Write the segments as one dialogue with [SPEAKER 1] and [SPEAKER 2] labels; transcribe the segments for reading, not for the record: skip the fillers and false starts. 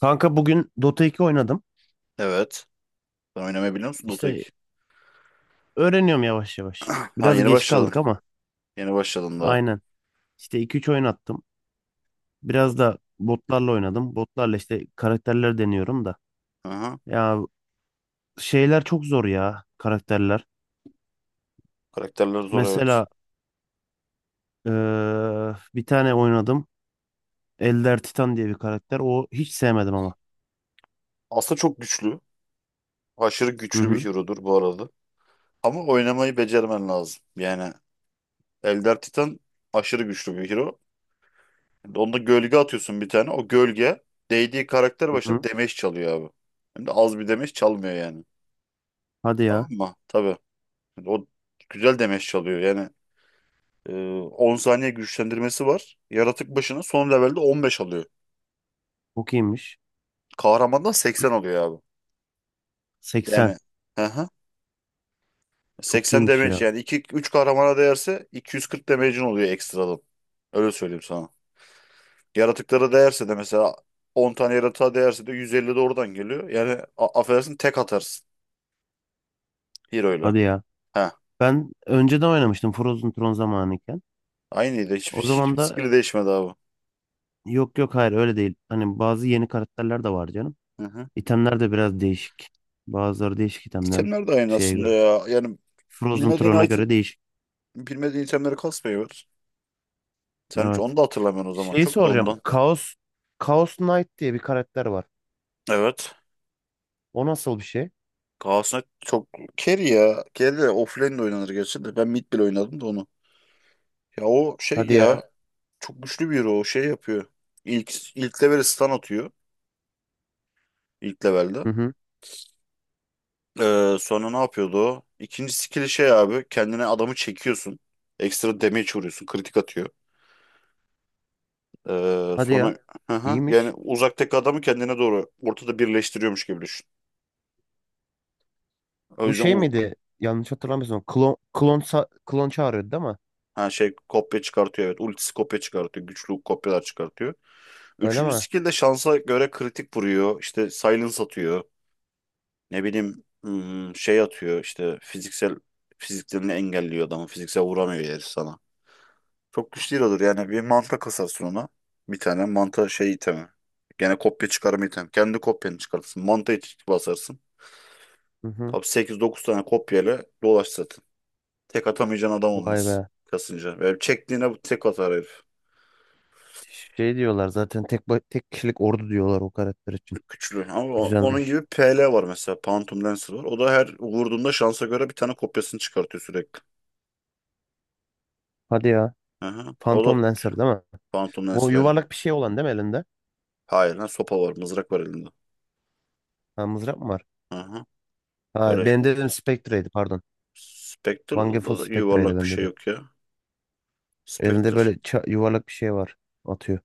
[SPEAKER 1] Kanka bugün Dota 2 oynadım.
[SPEAKER 2] Evet. Sen oynamayı biliyor musun Dota
[SPEAKER 1] İşte
[SPEAKER 2] 2?
[SPEAKER 1] öğreniyorum yavaş yavaş.
[SPEAKER 2] Ha
[SPEAKER 1] Biraz
[SPEAKER 2] yeni
[SPEAKER 1] geç
[SPEAKER 2] başladın.
[SPEAKER 1] kaldık ama
[SPEAKER 2] Yeni başladın daha.
[SPEAKER 1] aynen. İşte iki üç oyun attım. Biraz
[SPEAKER 2] Dota.
[SPEAKER 1] da botlarla oynadım. Botlarla işte karakterler deniyorum da.
[SPEAKER 2] Aha.
[SPEAKER 1] Ya şeyler çok zor ya karakterler.
[SPEAKER 2] Karakterler zor, evet.
[SPEAKER 1] Mesela bir tane oynadım. Elder Titan diye bir karakter. O hiç sevmedim ama.
[SPEAKER 2] Aslında çok güçlü. Aşırı
[SPEAKER 1] Hı
[SPEAKER 2] güçlü bir
[SPEAKER 1] hı,
[SPEAKER 2] hero'dur bu arada. Ama oynamayı becermen lazım. Yani Elder Titan aşırı güçlü bir hero. Onda gölge atıyorsun bir tane. O gölge değdiği karakter
[SPEAKER 1] hı
[SPEAKER 2] başına
[SPEAKER 1] hı.
[SPEAKER 2] damage çalıyor abi. Hem de az bir damage çalmıyor yani.
[SPEAKER 1] Hadi
[SPEAKER 2] Tamam
[SPEAKER 1] ya.
[SPEAKER 2] mı? Tabii. Şimdi o güzel damage çalıyor. Yani e, 10 saniye güçlendirmesi var. Yaratık başına son levelde 15 alıyor.
[SPEAKER 1] Çok iyiymiş.
[SPEAKER 2] Kahramandan 80 oluyor abi.
[SPEAKER 1] 80.
[SPEAKER 2] Yani hı hı.
[SPEAKER 1] Çok
[SPEAKER 2] 80
[SPEAKER 1] iyiymiş ya.
[SPEAKER 2] damage, yani 2 3 kahramana değerse 240 damage'in oluyor ekstradan. Öyle söyleyeyim sana. Yaratıklara değerse de, mesela 10 tane yaratığa değerse de 150 de oradan geliyor. Yani affedersin, tek atarsın hero'yla.
[SPEAKER 1] Hadi ya.
[SPEAKER 2] Ha.
[SPEAKER 1] Ben önceden oynamıştım Frozen Throne zamanıyken.
[SPEAKER 2] Aynıydı. Hiçbir
[SPEAKER 1] O zaman
[SPEAKER 2] hiçbir
[SPEAKER 1] da
[SPEAKER 2] skill'i değişmedi abi.
[SPEAKER 1] yok yok, hayır öyle değil. Hani bazı yeni karakterler de var canım.
[SPEAKER 2] Hı hı.
[SPEAKER 1] İtemler de biraz değişik. Bazıları değişik itemlerin
[SPEAKER 2] İtemler de aynı
[SPEAKER 1] şeye
[SPEAKER 2] aslında
[SPEAKER 1] göre.
[SPEAKER 2] ya. Yani
[SPEAKER 1] Frozen
[SPEAKER 2] bilmediğin
[SPEAKER 1] Throne'a
[SPEAKER 2] item,
[SPEAKER 1] göre değişik.
[SPEAKER 2] bilmediğin itemleri kasmayı ver. Sen hiç onu
[SPEAKER 1] Evet.
[SPEAKER 2] da hatırlamıyorsun o zaman.
[SPEAKER 1] Şeyi
[SPEAKER 2] Çok da
[SPEAKER 1] soracağım.
[SPEAKER 2] ondan.
[SPEAKER 1] Chaos Knight diye bir karakter var.
[SPEAKER 2] Evet.
[SPEAKER 1] O nasıl bir şey?
[SPEAKER 2] Galatasaray çok carry ya. Carry de offlane de oynanır gerçi de. Ben mid bile oynadım da onu. Ya o şey
[SPEAKER 1] Hadi ya.
[SPEAKER 2] ya, çok güçlü bir hero. O şey yapıyor. İlk level'e stun atıyor. İlk levelde.
[SPEAKER 1] Hı hı.
[SPEAKER 2] Sonra ne yapıyordu o? İkinci skill'i şey abi. Kendine adamı çekiyorsun. Ekstra damage vuruyorsun. Kritik atıyor.
[SPEAKER 1] Hadi ya.
[SPEAKER 2] Sonra hı hı, yani
[SPEAKER 1] İyiymiş.
[SPEAKER 2] uzaktaki adamı kendine doğru ortada birleştiriyormuş gibi düşün. O
[SPEAKER 1] Bu
[SPEAKER 2] yüzden
[SPEAKER 1] şey miydi? Yanlış hatırlamıyorsun. Klon çağırıyordu değil mi?
[SPEAKER 2] ha, şey, kopya çıkartıyor, evet. Ultisi kopya çıkartıyor. Güçlü kopyalar çıkartıyor.
[SPEAKER 1] Öyle
[SPEAKER 2] Üçüncü
[SPEAKER 1] mi?
[SPEAKER 2] skill de şansa göre kritik vuruyor. İşte silence atıyor. Ne bileyim, hmm, şey atıyor işte, fiziklerini engelliyor adamı. Fiziksel vuramıyor herif sana. Çok güçlü olur yani, bir manta kasarsın ona. Bir tane manta şey itemi. Gene kopya çıkarma itemi. Kendi kopyanı çıkartırsın. Manta iç basarsın.
[SPEAKER 1] Hı hı.
[SPEAKER 2] Abi 8-9 tane kopyayla dolaş zaten. Tek atamayacağın adam
[SPEAKER 1] Vay
[SPEAKER 2] olmaz
[SPEAKER 1] be.
[SPEAKER 2] kasınca. Ve çektiğine tek atar herif.
[SPEAKER 1] Şey diyorlar zaten tek kişilik ordu diyorlar o karakter için.
[SPEAKER 2] Güçlü. Ama onun
[SPEAKER 1] Güzelmiş.
[SPEAKER 2] gibi PL var mesela. Phantom Lancer var. O da her vurduğunda şansa göre bir tane kopyasını çıkartıyor sürekli.
[SPEAKER 1] Hadi ya.
[SPEAKER 2] Aha. O da
[SPEAKER 1] Phantom Lancer değil mi?
[SPEAKER 2] Phantom
[SPEAKER 1] Bu
[SPEAKER 2] Lancer aynı.
[SPEAKER 1] yuvarlak bir şey olan değil mi elinde?
[SPEAKER 2] Hayır lan, sopa var. Mızrak var elinde.
[SPEAKER 1] Ha mızrak mı var?
[SPEAKER 2] Aha.
[SPEAKER 1] Ha
[SPEAKER 2] Öyle.
[SPEAKER 1] ben dedim Spectre'ydi, pardon. Van Gogh
[SPEAKER 2] Spectre'da da
[SPEAKER 1] Spectre'ydi
[SPEAKER 2] yuvarlak bir
[SPEAKER 1] ben
[SPEAKER 2] şey
[SPEAKER 1] dedim.
[SPEAKER 2] yok ya.
[SPEAKER 1] Elinde böyle
[SPEAKER 2] Spectre.
[SPEAKER 1] yuvarlak bir şey var. Atıyor.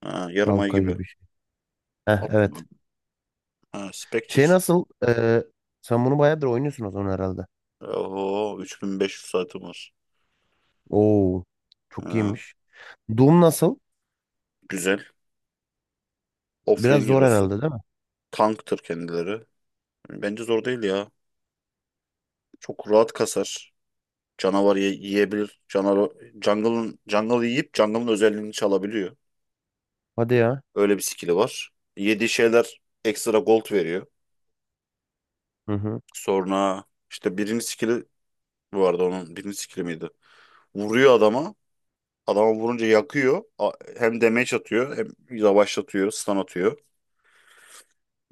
[SPEAKER 2] Ha, yarım ay
[SPEAKER 1] Halka
[SPEAKER 2] gibi.
[SPEAKER 1] gibi bir şey. Heh,
[SPEAKER 2] Atma.
[SPEAKER 1] evet.
[SPEAKER 2] Ha, Spectre.
[SPEAKER 1] Şey nasıl? Sen bunu bayağıdır oynuyorsun o zaman herhalde.
[SPEAKER 2] Oho, 3.500 saatim var.
[SPEAKER 1] Oo, çok
[SPEAKER 2] Ha,
[SPEAKER 1] iyiymiş. Doom nasıl?
[SPEAKER 2] güzel.
[SPEAKER 1] Biraz
[SPEAKER 2] Offlane
[SPEAKER 1] zor
[SPEAKER 2] hero'su.
[SPEAKER 1] herhalde değil mi?
[SPEAKER 2] Tanktır kendileri. Bence zor değil ya. Çok rahat kasar. Canavar yiyebilir. Canavar jungle yiyip jungle'ın özelliğini çalabiliyor.
[SPEAKER 1] Hadi ya.
[SPEAKER 2] Öyle bir skill'i var. Yediği şeyler ekstra gold veriyor.
[SPEAKER 1] Hı hı.
[SPEAKER 2] Sonra işte birinci skill'i, bu arada onun birinci skill'i miydi? Vuruyor adama. Adama vurunca yakıyor. Hem damage atıyor, hem yavaşlatıyor, stun atıyor.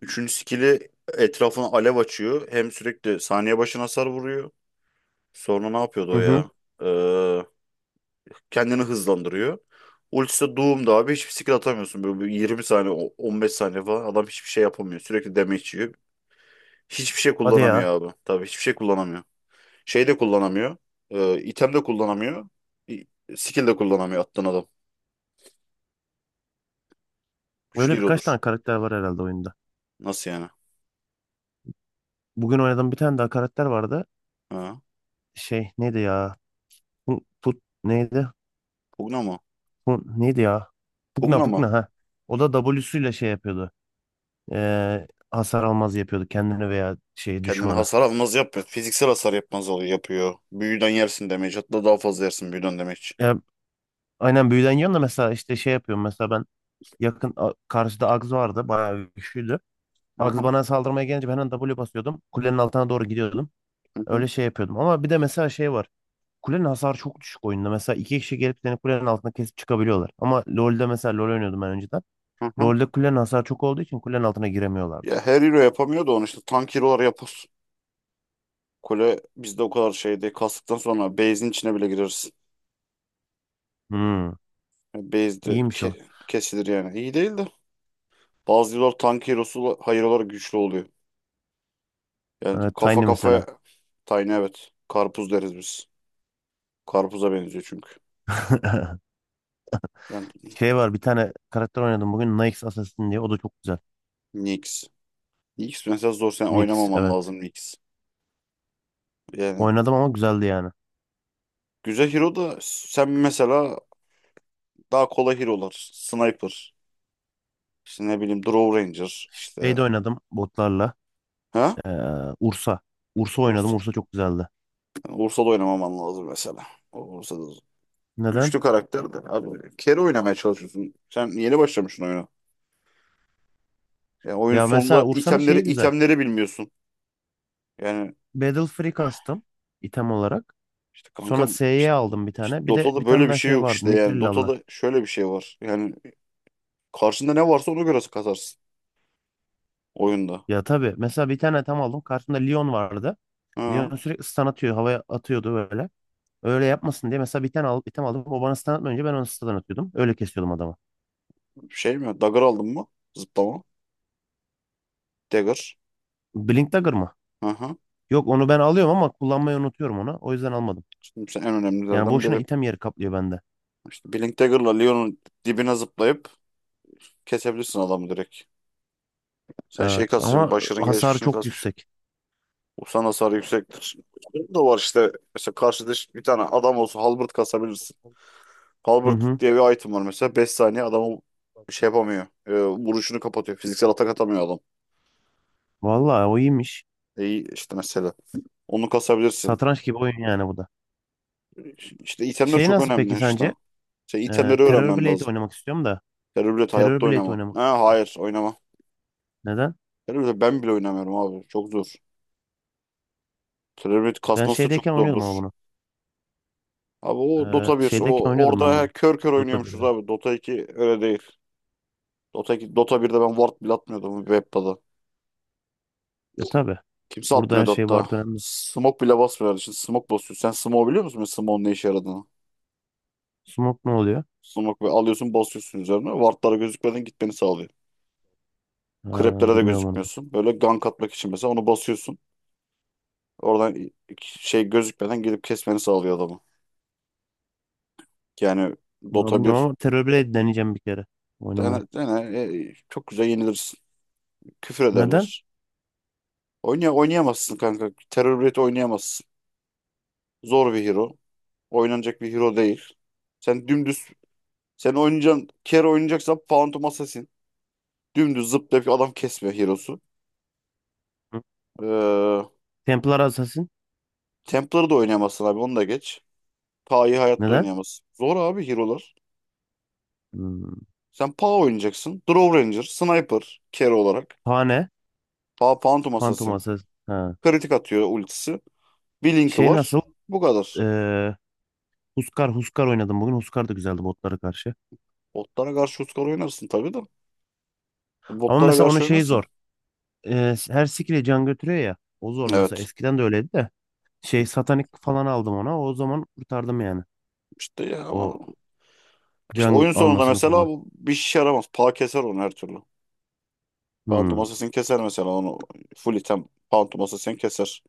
[SPEAKER 2] Üçüncü skill'i etrafına alev açıyor. Hem sürekli saniye başına hasar vuruyor. Sonra ne yapıyordu
[SPEAKER 1] Hı
[SPEAKER 2] o
[SPEAKER 1] hı.
[SPEAKER 2] ya? Ee, Kendini hızlandırıyor. Ultisi de Doom'da abi, hiçbir skill atamıyorsun. Böyle bir 20 saniye, 15 saniye falan adam hiçbir şey yapamıyor. Sürekli damage yiyor. Hiçbir şey
[SPEAKER 1] Hadi
[SPEAKER 2] kullanamıyor
[SPEAKER 1] ya.
[SPEAKER 2] abi. Tabii hiçbir şey kullanamıyor. Şey de kullanamıyor. İtem de kullanamıyor. i- Skill de kullanamıyor attığın adam. Güçlü
[SPEAKER 1] Öyle birkaç
[SPEAKER 2] hero'dur.
[SPEAKER 1] tane karakter var herhalde oyunda.
[SPEAKER 2] Nasıl yani?
[SPEAKER 1] Bugün oynadığım bir tane daha karakter vardı.
[SPEAKER 2] Ha?
[SPEAKER 1] Şey neydi ya? Put, put neydi?
[SPEAKER 2] Pugna mı?
[SPEAKER 1] Bu neydi ya? Pugna,
[SPEAKER 2] Pugna mı?
[SPEAKER 1] Pugna, ha. O da W'suyla şey yapıyordu. Hasar almaz yapıyordu kendini veya şey
[SPEAKER 2] Kendine
[SPEAKER 1] düşmanı.
[SPEAKER 2] hasar almaz yapmıyor. Fiziksel hasar yapmaz oluyor, yapıyor. Büyüden yersin damage. Hatta daha fazla yersin büyüden damage.
[SPEAKER 1] Ya, aynen büyüden yan da mesela işte şey yapıyorum. Mesela ben karşıda Agz vardı. Bayağı güçlüydü.
[SPEAKER 2] Hı hı,
[SPEAKER 1] Agz bana saldırmaya gelince ben hemen W basıyordum. Kulenin altına doğru gidiyordum.
[SPEAKER 2] hı
[SPEAKER 1] Öyle
[SPEAKER 2] hı,
[SPEAKER 1] şey yapıyordum. Ama bir de mesela şey var. Kulenin hasarı çok düşük oyunda. Mesela iki kişi gelip seni kulenin altına kesip çıkabiliyorlar. Ama LoL'de mesela LoL oynuyordum ben önceden.
[SPEAKER 2] hı hı.
[SPEAKER 1] LoL'de kulenin hasarı çok olduğu için kulenin altına giremiyorlardı.
[SPEAKER 2] Ya her hero yapamıyor da onu, işte tank hero'lar yap. Kule bizde o kadar şey değil. Kastıktan sonra base'in içine bile gireriz.
[SPEAKER 1] Hmm,
[SPEAKER 2] Yani base de
[SPEAKER 1] iyiymiş o.
[SPEAKER 2] kesilir yani. İyi değil de. Bazı yıllar tank hero'su hayır olarak güçlü oluyor. Yani
[SPEAKER 1] Evet,
[SPEAKER 2] kafa
[SPEAKER 1] Tiny
[SPEAKER 2] kafaya.
[SPEAKER 1] mesela.
[SPEAKER 2] Tiny, evet. Karpuz deriz biz. Karpuza benziyor çünkü. Yani
[SPEAKER 1] Şey var, bir tane karakter oynadım bugün Nyx Assassin diye, o da çok güzel.
[SPEAKER 2] Nyx. Nyx mesela zor, sen
[SPEAKER 1] Nyx,
[SPEAKER 2] oynamaman
[SPEAKER 1] evet.
[SPEAKER 2] lazım Nyx. Yani
[SPEAKER 1] Oynadım ama güzeldi yani.
[SPEAKER 2] güzel hero da, sen mesela daha kolay hero'lar. Sniper. İşte ne bileyim, Draw Ranger.
[SPEAKER 1] Şey
[SPEAKER 2] İşte.
[SPEAKER 1] de oynadım botlarla.
[SPEAKER 2] Ha?
[SPEAKER 1] Ee, Ursa. Ursa oynadım.
[SPEAKER 2] Ursa.
[SPEAKER 1] Ursa çok güzeldi.
[SPEAKER 2] Ursa da oynamaman lazım mesela. O Ursa da
[SPEAKER 1] Neden?
[SPEAKER 2] güçlü karakter de. Abi kere oynamaya çalışıyorsun. Sen yeni başlamışsın oyuna. Ya oyun
[SPEAKER 1] Ya
[SPEAKER 2] sonunda
[SPEAKER 1] mesela Ursa'nın
[SPEAKER 2] itemleri
[SPEAKER 1] şeyi güzel.
[SPEAKER 2] itemleri bilmiyorsun. Yani
[SPEAKER 1] Battle Free kastım item olarak.
[SPEAKER 2] işte
[SPEAKER 1] Sonra
[SPEAKER 2] kankam,
[SPEAKER 1] S'ye
[SPEAKER 2] işte,
[SPEAKER 1] aldım bir
[SPEAKER 2] işte
[SPEAKER 1] tane. Bir de bir
[SPEAKER 2] Dota'da
[SPEAKER 1] tane
[SPEAKER 2] böyle bir
[SPEAKER 1] daha
[SPEAKER 2] şey
[SPEAKER 1] şey
[SPEAKER 2] yok
[SPEAKER 1] vardı.
[SPEAKER 2] işte yani.
[SPEAKER 1] Mithril alınan.
[SPEAKER 2] Dota'da şöyle bir şey var. Yani karşında ne varsa ona göre kazarsın oyunda.
[SPEAKER 1] Ya tabii mesela bir tane tam aldım. Karşımda Leon vardı.
[SPEAKER 2] Ha,
[SPEAKER 1] Leon sürekli stun atıyor. Havaya atıyordu böyle. Öyle yapmasın diye mesela bir tane alıp bir tane aldım. O bana stun atmayınca ben onu stun atıyordum. Öyle kesiyordum adamı.
[SPEAKER 2] şey mi? Dagger aldın mı? Zıplama. Dagger.
[SPEAKER 1] Blink Dagger mı?
[SPEAKER 2] Hı hı.
[SPEAKER 1] Yok, onu ben alıyorum ama kullanmayı unutuyorum onu. O yüzden almadım.
[SPEAKER 2] Şimdi sen en
[SPEAKER 1] Yani
[SPEAKER 2] önemlilerden
[SPEAKER 1] boşuna
[SPEAKER 2] biri.
[SPEAKER 1] item yeri kaplıyor bende.
[SPEAKER 2] İşte Blink Dagger'la Leon'un dibine zıplayıp kesebilirsin adamı direkt. Sen şey
[SPEAKER 1] Evet
[SPEAKER 2] kasmışsın,
[SPEAKER 1] ama
[SPEAKER 2] Başar'ın
[SPEAKER 1] hasarı
[SPEAKER 2] gelişmişini
[SPEAKER 1] çok
[SPEAKER 2] kasmış.
[SPEAKER 1] yüksek.
[SPEAKER 2] Sen hasar yüksektir. Bu da var işte. Mesela karşıda bir tane adam olsa halberd kasabilirsin.
[SPEAKER 1] Hı
[SPEAKER 2] Halberd
[SPEAKER 1] hı.
[SPEAKER 2] diye bir item var mesela. Beş saniye adamı şey yapamıyor. Vuruşunu kapatıyor. Fiziksel atak atamıyor adam.
[SPEAKER 1] Vallahi o iyiymiş.
[SPEAKER 2] E, işte mesela. Onu kasabilirsin.
[SPEAKER 1] Satranç gibi oyun yani bu da.
[SPEAKER 2] İşte itemler
[SPEAKER 1] Şey
[SPEAKER 2] çok
[SPEAKER 1] nasıl peki
[SPEAKER 2] önemli işte.
[SPEAKER 1] sence?
[SPEAKER 2] İşte itemleri
[SPEAKER 1] Terror
[SPEAKER 2] öğrenmem
[SPEAKER 1] Blade
[SPEAKER 2] lazım.
[SPEAKER 1] oynamak istiyorum da.
[SPEAKER 2] Terörblet
[SPEAKER 1] Terror
[SPEAKER 2] hayatta
[SPEAKER 1] Blade
[SPEAKER 2] oynama.
[SPEAKER 1] oynamak
[SPEAKER 2] Ha,
[SPEAKER 1] istiyorum.
[SPEAKER 2] hayır oynama.
[SPEAKER 1] Neden?
[SPEAKER 2] Terörblet ben bile oynamıyorum abi. Çok zor. Terörblet
[SPEAKER 1] Ben
[SPEAKER 2] kasması da çok
[SPEAKER 1] şeydeyken oynuyordum
[SPEAKER 2] zordur.
[SPEAKER 1] ama bunu.
[SPEAKER 2] Abi o Dota 1.
[SPEAKER 1] Şeydeyken
[SPEAKER 2] O,
[SPEAKER 1] oynuyordum ben
[SPEAKER 2] orada
[SPEAKER 1] bunu.
[SPEAKER 2] kör kör
[SPEAKER 1] Dota
[SPEAKER 2] oynuyormuşuz
[SPEAKER 1] 1'de.
[SPEAKER 2] abi. Dota 2 öyle değil. Dota, Dota 1'de ben ward bile atmıyordum Webda'da.
[SPEAKER 1] E tabi.
[SPEAKER 2] Kimse
[SPEAKER 1] Burada her
[SPEAKER 2] atmıyordu
[SPEAKER 1] şey
[SPEAKER 2] hatta.
[SPEAKER 1] var önemli.
[SPEAKER 2] Smoke bile basmıyorlar. Şimdi smoke basıyor. Sen smoke biliyor musun? Smoke'un ne işe yaradığını.
[SPEAKER 1] Smoke ne oluyor?
[SPEAKER 2] Smoke böyle alıyorsun, basıyorsun üzerine. Ward'lara gözükmeden gitmeni sağlıyor.
[SPEAKER 1] Ha,
[SPEAKER 2] Creep'lere de
[SPEAKER 1] bilmiyorum onu.
[SPEAKER 2] gözükmüyorsun. Böyle gank atmak için mesela onu basıyorsun. Oradan şey, gözükmeden gelip kesmeni sağlıyor adamı. Yani
[SPEAKER 1] Ama
[SPEAKER 2] Dota
[SPEAKER 1] bilmiyorum,
[SPEAKER 2] bir
[SPEAKER 1] ama Terror Blade deneyeceğim bir kere
[SPEAKER 2] dene,
[SPEAKER 1] oynamaya.
[SPEAKER 2] çok güzel yenilirsin. Küfür
[SPEAKER 1] Neden?
[SPEAKER 2] ederler. Oynayamazsın kanka. Terör Raid oynayamazsın. Zor bir hero. Oynanacak bir hero değil. Sen dümdüz. Sen oynayacaksın. Kero oynayacaksan Phantom Assassin. Dümdüz zıplayıp adam kesmiyor Hero'su.
[SPEAKER 1] Hı?
[SPEAKER 2] Ee,
[SPEAKER 1] Templar Assassin.
[SPEAKER 2] Templar'ı da oynayamazsın abi, onu da geç. Pa'yı hayatta
[SPEAKER 1] Neden?
[SPEAKER 2] oynayamazsın. Zor abi Hero'lar.
[SPEAKER 1] Hmm.
[SPEAKER 2] Sen Pa oynayacaksın. Draw Ranger, Sniper, Kero olarak.
[SPEAKER 1] Pane.
[SPEAKER 2] Pa Phantom
[SPEAKER 1] Phantom
[SPEAKER 2] Assassin.
[SPEAKER 1] Assassin. Ha.
[SPEAKER 2] Kritik atıyor ultisi. Bir linki
[SPEAKER 1] Şey
[SPEAKER 2] var.
[SPEAKER 1] nasıl?
[SPEAKER 2] Bu kadar.
[SPEAKER 1] Ee, Huskar oynadım bugün. Huskar da güzeldi botlara karşı.
[SPEAKER 2] Botlara karşı Uskar oynarsın tabii de.
[SPEAKER 1] Ama
[SPEAKER 2] Botlara
[SPEAKER 1] mesela onun
[SPEAKER 2] karşı
[SPEAKER 1] şeyi
[SPEAKER 2] oynarsın.
[SPEAKER 1] zor. Her skill'e can götürüyor ya. O zor mesela.
[SPEAKER 2] Evet.
[SPEAKER 1] Eskiden de öyleydi de. Şey, satanik falan aldım ona. O zaman kurtardım yani.
[SPEAKER 2] İşte ya
[SPEAKER 1] O
[SPEAKER 2] ama işte
[SPEAKER 1] can
[SPEAKER 2] oyun sonunda
[SPEAKER 1] almasını
[SPEAKER 2] mesela
[SPEAKER 1] falan.
[SPEAKER 2] bu bir şey yaramaz. Pa keser onu her türlü.
[SPEAKER 1] Hmm.
[SPEAKER 2] Pantoması sen keser mesela onu. Full item Pantoması sen keser.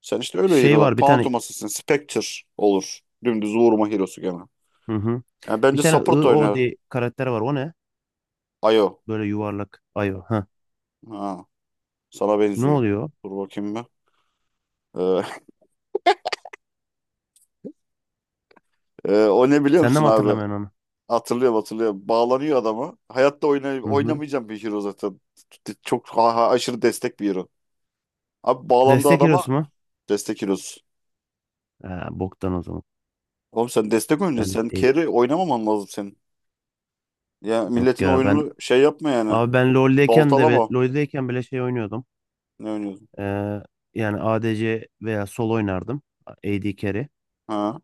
[SPEAKER 2] Sen işte öyle
[SPEAKER 1] Şey
[SPEAKER 2] hero'lar.
[SPEAKER 1] var bir tane.
[SPEAKER 2] Pantoması sen Spectre olur. Dümdüz vurma hero'su gene.
[SPEAKER 1] Hı hı.
[SPEAKER 2] Yani
[SPEAKER 1] Bir
[SPEAKER 2] bence
[SPEAKER 1] tane I
[SPEAKER 2] support
[SPEAKER 1] O
[SPEAKER 2] oynar.
[SPEAKER 1] diye karakter var. O ne?
[SPEAKER 2] Ayo.
[SPEAKER 1] Böyle yuvarlak. Ayo. Ha.
[SPEAKER 2] Ha, sana
[SPEAKER 1] Ne
[SPEAKER 2] benziyor.
[SPEAKER 1] oluyor?
[SPEAKER 2] Dur bakayım bir. Ee, o ne biliyor
[SPEAKER 1] Sen de
[SPEAKER 2] musun
[SPEAKER 1] mi
[SPEAKER 2] abi?
[SPEAKER 1] hatırlamıyorsun onu?
[SPEAKER 2] Hatırlıyorum. Bağlanıyor adamı. Hayatta
[SPEAKER 1] Hı hı.
[SPEAKER 2] oynamayacağım bir hero zaten. Çok aşırı destek bir hero. Abi bağlandığı
[SPEAKER 1] Destek
[SPEAKER 2] adama
[SPEAKER 1] hero'su mu?
[SPEAKER 2] destek hero'su.
[SPEAKER 1] Ha, boktan o zaman.
[SPEAKER 2] Oğlum sen destek oyuncu,
[SPEAKER 1] Benlik değil.
[SPEAKER 2] carry oynamaman lazım senin. Ya
[SPEAKER 1] Yok
[SPEAKER 2] milletin
[SPEAKER 1] ya, ben,
[SPEAKER 2] oyununu şey yapma yani.
[SPEAKER 1] abi ben LoL'deyken de
[SPEAKER 2] Baltalama.
[SPEAKER 1] LoL'deyken bile şey oynuyordum.
[SPEAKER 2] Ne oynuyorsun?
[SPEAKER 1] Ee, Yani ADC veya sol oynardım. AD carry.
[SPEAKER 2] Ha.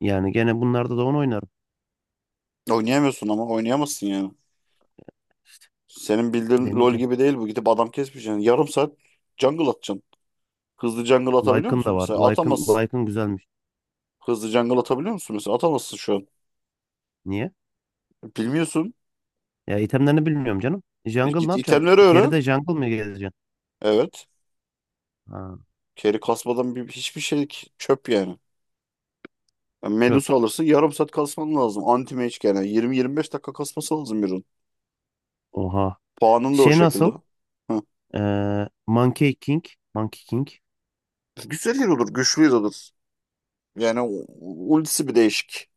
[SPEAKER 1] Yani gene bunlarda da onu oynarım.
[SPEAKER 2] Oynayamıyorsun, ama oynayamazsın yani. Senin bildiğin LoL
[SPEAKER 1] Deneyeceğim.
[SPEAKER 2] gibi değil bu. Gidip adam kesmeyeceksin. Yani yarım saat jungle atacaksın. Hızlı jungle atabiliyor
[SPEAKER 1] Lycan da
[SPEAKER 2] musun
[SPEAKER 1] var.
[SPEAKER 2] mesela?
[SPEAKER 1] Lycan,
[SPEAKER 2] Atamazsın.
[SPEAKER 1] Lycan güzelmiş.
[SPEAKER 2] Hızlı jungle atabiliyor musun mesela? Atamazsın şu an.
[SPEAKER 1] Niye?
[SPEAKER 2] Bilmiyorsun.
[SPEAKER 1] Ya itemlerini bilmiyorum canım. Jungle ne
[SPEAKER 2] Git
[SPEAKER 1] yapacağım?
[SPEAKER 2] itemleri öğren.
[SPEAKER 1] Carry'de jungle mı gezeceksin?
[SPEAKER 2] Evet.
[SPEAKER 1] Ha,
[SPEAKER 2] Carry kasmadan bir, hiçbir şey çöp yani. Yani
[SPEAKER 1] çöp.
[SPEAKER 2] Medusa alırsın, yarım saat kasman lazım. Anti mage yani 20-25 dakika kasması lazım birinin.
[SPEAKER 1] Oha.
[SPEAKER 2] Puanın da o
[SPEAKER 1] Şey
[SPEAKER 2] şekilde.
[SPEAKER 1] nasıl?
[SPEAKER 2] Hı.
[SPEAKER 1] Ee, Monkey King. Monkey King.
[SPEAKER 2] Güzel yer olur, güçlü yer olur. Yani ultisi bir değişik.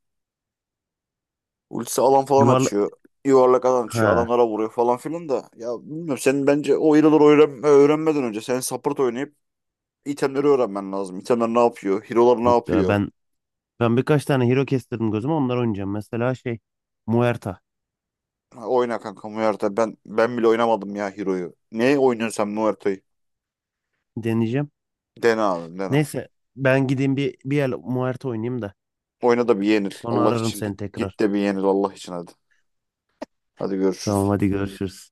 [SPEAKER 2] Ultisi alan falan
[SPEAKER 1] Yuvarla,
[SPEAKER 2] açıyor. Yuvarlak alan açıyor.
[SPEAKER 1] ha
[SPEAKER 2] Adamlara vuruyor falan filan da. Ya bilmiyorum, senin bence o hero'ları öğrenmeden önce sen support oynayıp itemleri öğrenmen lazım. İtemler ne yapıyor? Hero'lar ne
[SPEAKER 1] yok ya,
[SPEAKER 2] yapıyor?
[SPEAKER 1] ben birkaç tane hero kestirdim gözüme, onlar oynayacağım. Mesela şey, Muerta
[SPEAKER 2] Ha, oyna kanka Muerta. Ben bile oynamadım ya hero'yu. Ne oynuyorsun sen Muerta'yı?
[SPEAKER 1] deneyeceğim.
[SPEAKER 2] Dene abi dene.
[SPEAKER 1] Neyse, ben gideyim bir el Muerta oynayayım da
[SPEAKER 2] Oyna da bir yenil.
[SPEAKER 1] sonra
[SPEAKER 2] Allah
[SPEAKER 1] ararım
[SPEAKER 2] için git.
[SPEAKER 1] seni
[SPEAKER 2] Git
[SPEAKER 1] tekrar.
[SPEAKER 2] de bir yenil Allah için, hadi. Hadi
[SPEAKER 1] Tamam,
[SPEAKER 2] görüşürüz.
[SPEAKER 1] hadi görüşürüz.